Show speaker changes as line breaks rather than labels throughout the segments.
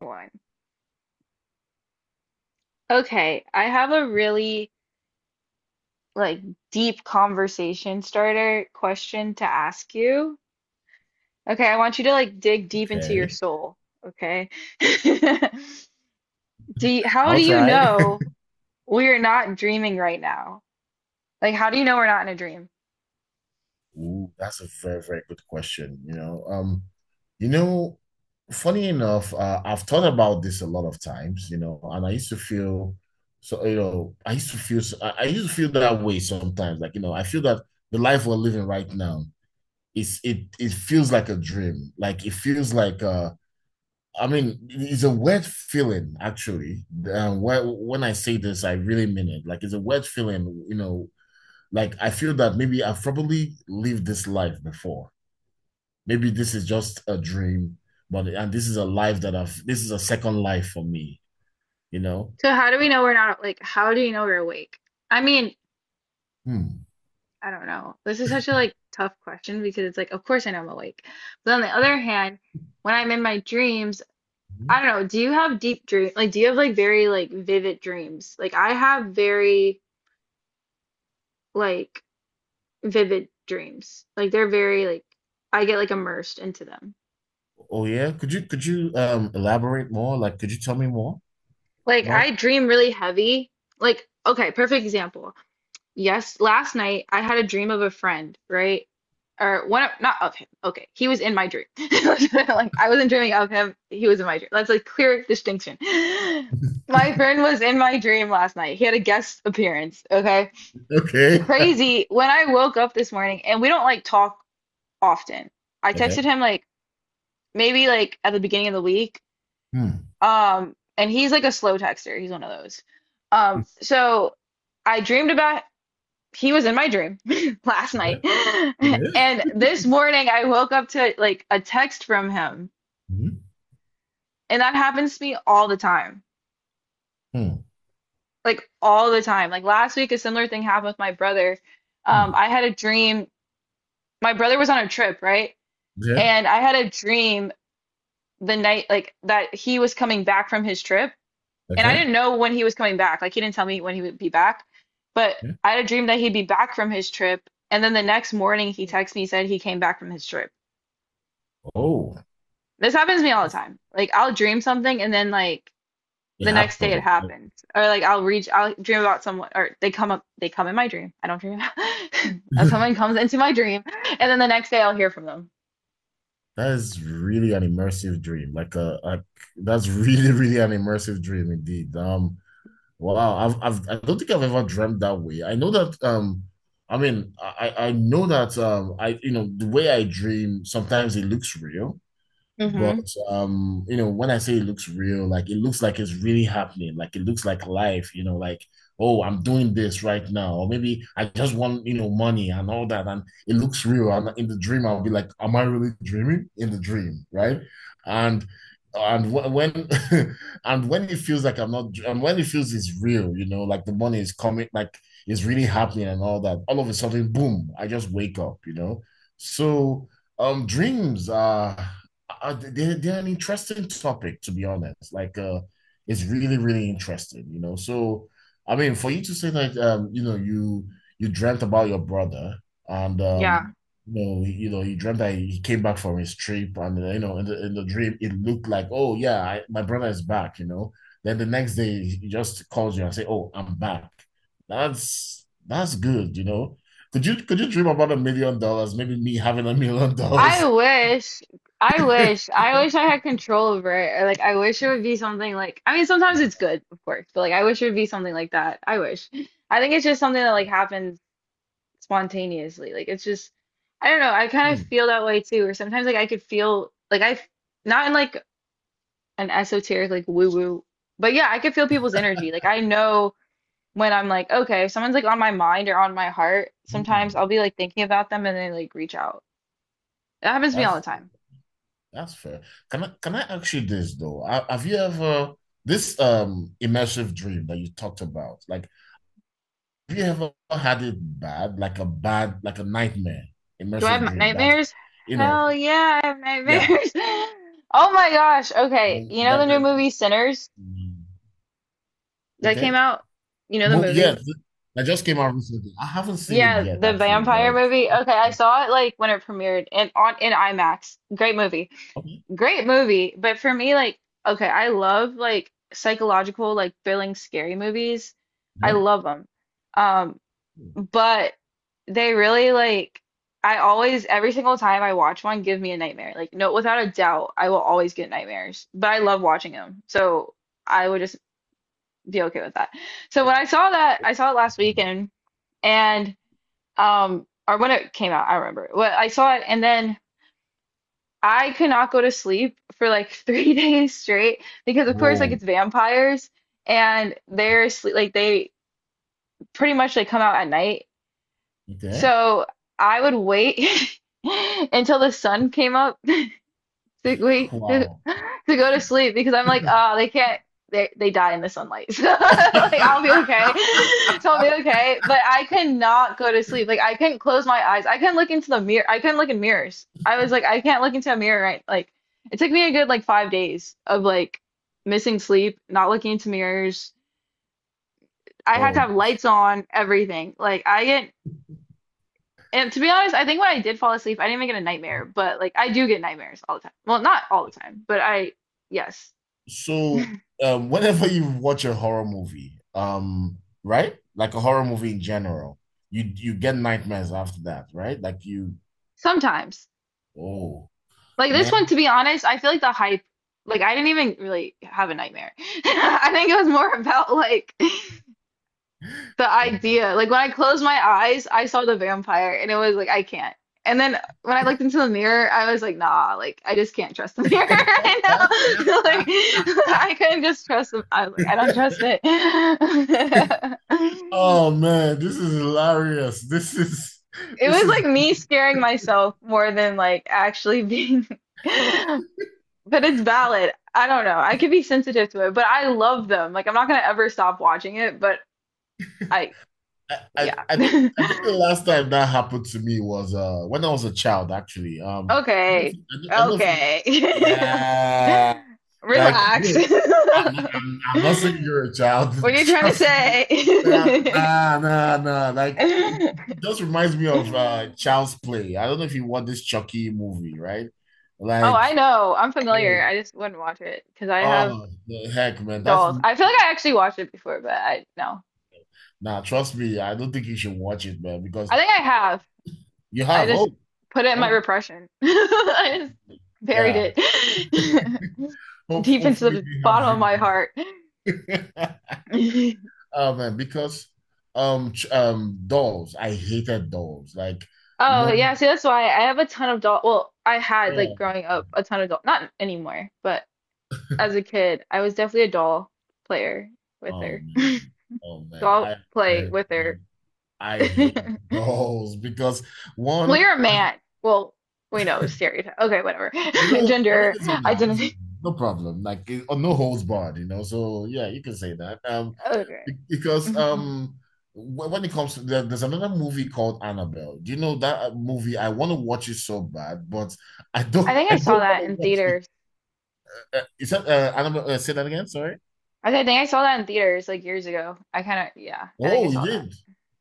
One. Okay, I have a really like deep conversation starter question to ask you. Okay, I want you to like dig deep into your
Okay,
soul, okay? How
I'll
do you
try.
know we're not dreaming right now? Like how do you know we're not in a dream?
Ooh, that's a very, very good question. You know, funny enough, I've thought about this a lot of times. And I used to feel so. I used to feel. I used to feel that way sometimes. Like, I feel that the life we're living right now is it. It feels like a dream. Like it feels like. I mean, it's a weird feeling, actually. When I say this, I really mean it. Like it's a weird feeling. Like I feel that maybe I've probably lived this life before. Maybe this is just a dream, but and this is a life that I've, this is a second life for me, you know?
So how do we know we're not how do you know we're awake? I mean,
Hmm.
I don't know. This is such a like tough question because it's like of course I know I'm awake. But on the other hand, when I'm in my dreams, I
Mhm.
don't know. Do you have deep dream? Like, do you have like very like vivid dreams? Like, I have very like vivid dreams. Like, they're very like I get like immersed into them.
Oh yeah. Could you elaborate more? Like, could you tell me more
Like,
about.
I dream really heavy. Like, okay, perfect example. Yes, last night I had a dream of a friend, right? Or one of not okay, okay. He was in my dream. Like, I wasn't dreaming of him. He was in my dream. That's like clear distinction. My friend was in my dream last night. He had a guest appearance, okay?
Okay.
Crazy when I woke up this morning, and we don't like talk often. I
Okay.
texted him like maybe like at the beginning of the week.
Hmm.
And he's like a slow texter. He's one of those. So I dreamed about he was in my dream last night.
Okay. Okay.
And this morning I woke up to like a text from him.
Hmm.
And that happens to me all the time.
Hmm.
Like all the time. Like last week a similar thing happened with my brother.
Hmm.
I had a dream. My brother was on a trip, right?
Okay.
And I had a dream the night that he was coming back from his trip and I
Okay.
didn't know when he was coming back. Like he didn't tell me when he would be back, but
Yeah.
I had a dream that he'd be back from his trip, and then the next morning he texted me said he came back from his trip.
Oh,
This happens to me all the time. Like I'll dream something and then like
it
the next day it
happened.
happens. Or like I'll dream about someone or they come in my dream. I don't dream about someone comes into my dream and then the next day I'll hear from them.
That is really an immersive dream. Like a, that's really, really an immersive dream, indeed. Wow, I don't think I've ever dreamt that way. I know that, I mean, I know that, I, the way I dream sometimes it looks real. But
Hmm.
when I say it looks real, like it looks like it's really happening, like it looks like life, like, oh, I'm doing this right now, or maybe I just want, money and all that, and it looks real. And in the dream, I'll be like, am I really dreaming? In the dream, right? And and wh- when and when it feels like I'm not, and when it feels it's real, like the money is coming, like it's really happening and all that, all of a sudden, boom, I just wake up. So, dreams are, they're an interesting topic, to be honest, like, it's really, really interesting, so I mean, for you to say that, you dreamt about your brother, and
Yeah.
um you know he- you know you dreamt that he came back from his trip. And in the dream, it looked like, oh yeah, I, my brother is back. Then the next day he just calls you and say, oh, I'm back. That's good. Could you dream about $1 million? Maybe me having a million
I
dollars
wish, I wish I had control over it. Or like, I wish it would be something like, I mean, sometimes it's good, of course, but like, I wish it would be something like that. I wish. I think it's just something that like
Yeah.
happens spontaneously. Like, it's just, I don't know. I kind of
Hmm.
feel that way too. Or sometimes like I could feel like I, not in like an esoteric, like woo woo, but yeah, I could feel people's energy. Like, I know when I'm like, okay, if someone's like on my mind or on my heart, sometimes I'll
Hmm.
be like thinking about them and they like reach out. It happens to me all the
That's
time.
that's fair. Can I ask you this though? Have you ever this immersive dream that you talked about? Like, have you ever had it bad, like a nightmare
Do I have
immersive
m-
dream that,
nightmares?
you know,
Hell yeah, I have
yeah,
nightmares. Oh my gosh. Okay, you know the
that
new
that.
movie Sinners
Mm.
that came
Okay.
out? You know the
Well, yeah,
movie?
that just came out recently. I haven't seen it
Yeah,
yet,
the
actually.
vampire
Like,
movie. Okay, I saw it like when it premiered and on in IMAX. Great movie.
okay,
Great movie, but for me like okay, I love like psychological like thrilling scary movies. I
yeah.
love them.
Hmm.
But they really like I always every single time I watch one give me a nightmare. Like no without a doubt I will always get nightmares. But I love watching them. So I would just be okay with that. So when I saw that I saw it last weekend and or when it came out, I remember. Well, I saw it and then I could not go to sleep for like 3 days straight because of course like
Whoa.
it's vampires and they're sleep like they pretty much like come out at night.
Okay.
So I would wait until the sun came up to
Wow.
to go to sleep because I'm like, oh, they can't they die in the sunlight. So like I'll be okay. So I'll be okay. But I could not go to sleep. Like I couldn't close my eyes. I couldn't look into the mirror. I couldn't look in mirrors. I was like, I can't look into a mirror right. Like it took me a good like 5 days of like missing sleep, not looking into mirrors. I had to
Whoa.
have lights on, everything. Like I get. And to be honest, I think when I did fall asleep, I didn't even get a nightmare, but like I do get nightmares all the time. Well, not all the time, but I, yes,
So, whenever you watch a horror movie, right? Like a horror movie in general, you get nightmares after that, right? Like you,
sometimes.
oh
Like this one,
man,
to be honest, I feel like the hype, like I didn't even really have a nightmare. I think it was more about like the idea. Like when I closed my eyes, I saw the vampire and it was like, I can't. And then when I looked into the mirror, I was like, nah, like I just can't trust the mirror right now. Like I couldn't just trust them. I was like, I don't trust it.
oh man, this is hilarious. This is
It
this
was
is.
like me scaring myself more than like actually being, but it's valid. I don't know. I could be sensitive to it, but I love them. Like I'm not gonna ever stop watching it, but I,
I, I,
yeah.
I think I think the last time that happened to me was when I was a child, actually. I don't know if
Okay.
you,
Okay.
yeah, like.
Relax.
No, I'm not saying you're a child.
What are you trying to
Trust me. Nah,
say?
nah, nah, nah. Like, it it just reminds me of Child's Play. I don't know if you watch this Chucky movie, right?
Oh,
Like,
I know. I'm
oh,
familiar. I just wouldn't watch it because I have
oh, the heck, man. That's,
dolls. I feel like I actually watched it before, but I no.
nah, trust me. I don't think you should watch it, man, because
I think I have.
you
I
have,
just
oh,
put it in my
oh,
repression. I
um,
just buried
yeah.
it
Hope,
deep into
hopefully
the
we have
bottom of
drink.
my
Yeah.
heart.
Oh man, because dolls, I hated dolls. Like, you
Oh
know.
yeah, see that's why I have a ton of doll. Well, I had like
Oh,
growing up a ton of doll. Not anymore, but as a kid, I was definitely a doll player with
oh
her.
man, oh man,
Doll
I
play with her.
I, I hate those because
Well,
one,
you're a man. Well, we know stereotype. Okay, whatever.
I mean,
Gender
listen now, this is
identity.
no problem, like it, no holds barred. So yeah, you can say that.
Okay.
Because
Mhm.
when it comes to there's another movie called Annabelle. Do you know that movie? I want to watch it so bad, but I
I
don't.
think I
I
saw
don't want
that
to
in
watch it.
theaters.
Is that Annabelle? Say that again. Sorry.
I think I saw that in theaters like years ago. I kind of, yeah, I think I
Oh, you
saw that.
did.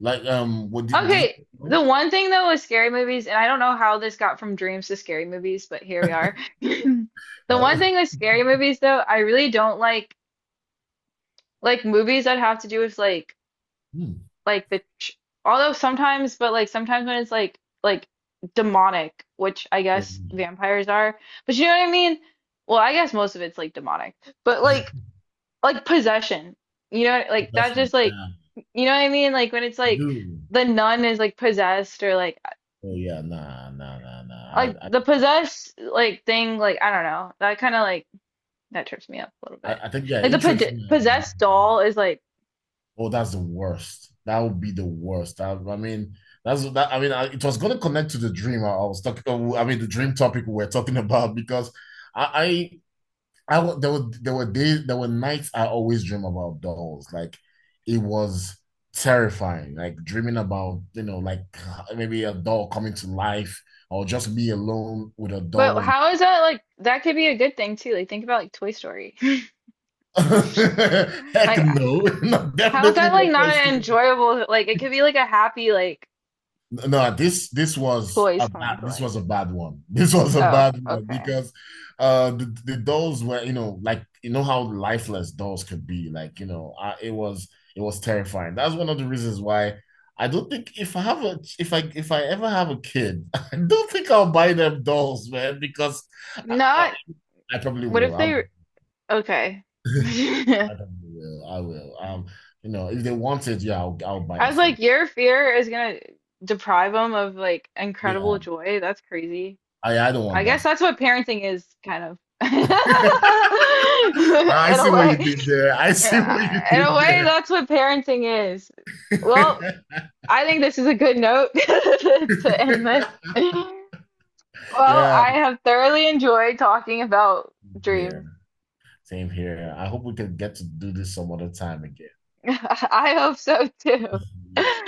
Like, what did
Okay,
you? Huh?
the one thing though with scary movies, and I don't know how this got from dreams to scary movies, but here we are. The
Well,
one thing with scary movies though, I really don't like movies that have to do with
Hmm.
like the ch although sometimes, but like sometimes when it's like demonic, which I
Oh,
guess vampires are, but you know what I mean? Well, I guess most of it's like demonic, but like possession. You know, like that
Question.
just like
Yeah,
you know what I mean? Like when it's
I
like
do.
the nun is like possessed or
Oh yeah, nah, nah, nah, nah.
like
I, I,
the possessed like thing like I don't know. That kind of like that trips me up a little
I
bit.
I think, yeah,
Like the
interest rate is.
possessed doll is like.
Oh, that's the worst. That would be the worst. I mean, that's that. I mean, I, it was going to connect to the dream I was talking. I mean, the dream topic we were talking about, because I, there were days, there were nights, I always dream about dolls. Like it was terrifying. Like dreaming about, like, maybe a doll coming to life, or just be alone with a doll.
But
And
how is that like that could be a good thing too. Like think about like Toy Story.
heck
Like
no, no,
how is
definitely
that
not.
like not an enjoyable like it could be like a happy like
No, this was a
toys coming
bad,
to
this
life.
was a bad one. This was a
Oh,
bad one,
okay.
because the dolls were, like you know how lifeless dolls could be. Like, I, it was terrifying. That's one of the reasons why I don't think, if I ever have a kid, I don't think I'll buy them dolls, man, because I, I,
Not
I probably
what
will.
if they
I'm
okay.
I probably will. I will. If they want it, yeah, I'll buy
I
it
was
for
like,
them.
your fear is gonna deprive them of like incredible
Yeah,
joy. That's crazy.
I don't
I
want
guess that's what parenting is, kind of. In
that. I
a
see what you
way.
did there. I
Yeah,
see what you
in a
did
way,
there.
that's what parenting is. Well, I think this is a good note to end this. Well,
Yeah,
I have thoroughly enjoyed talking about
yeah,
dreams.
same here. I hope we can get to do this some other time again.
I hope so too.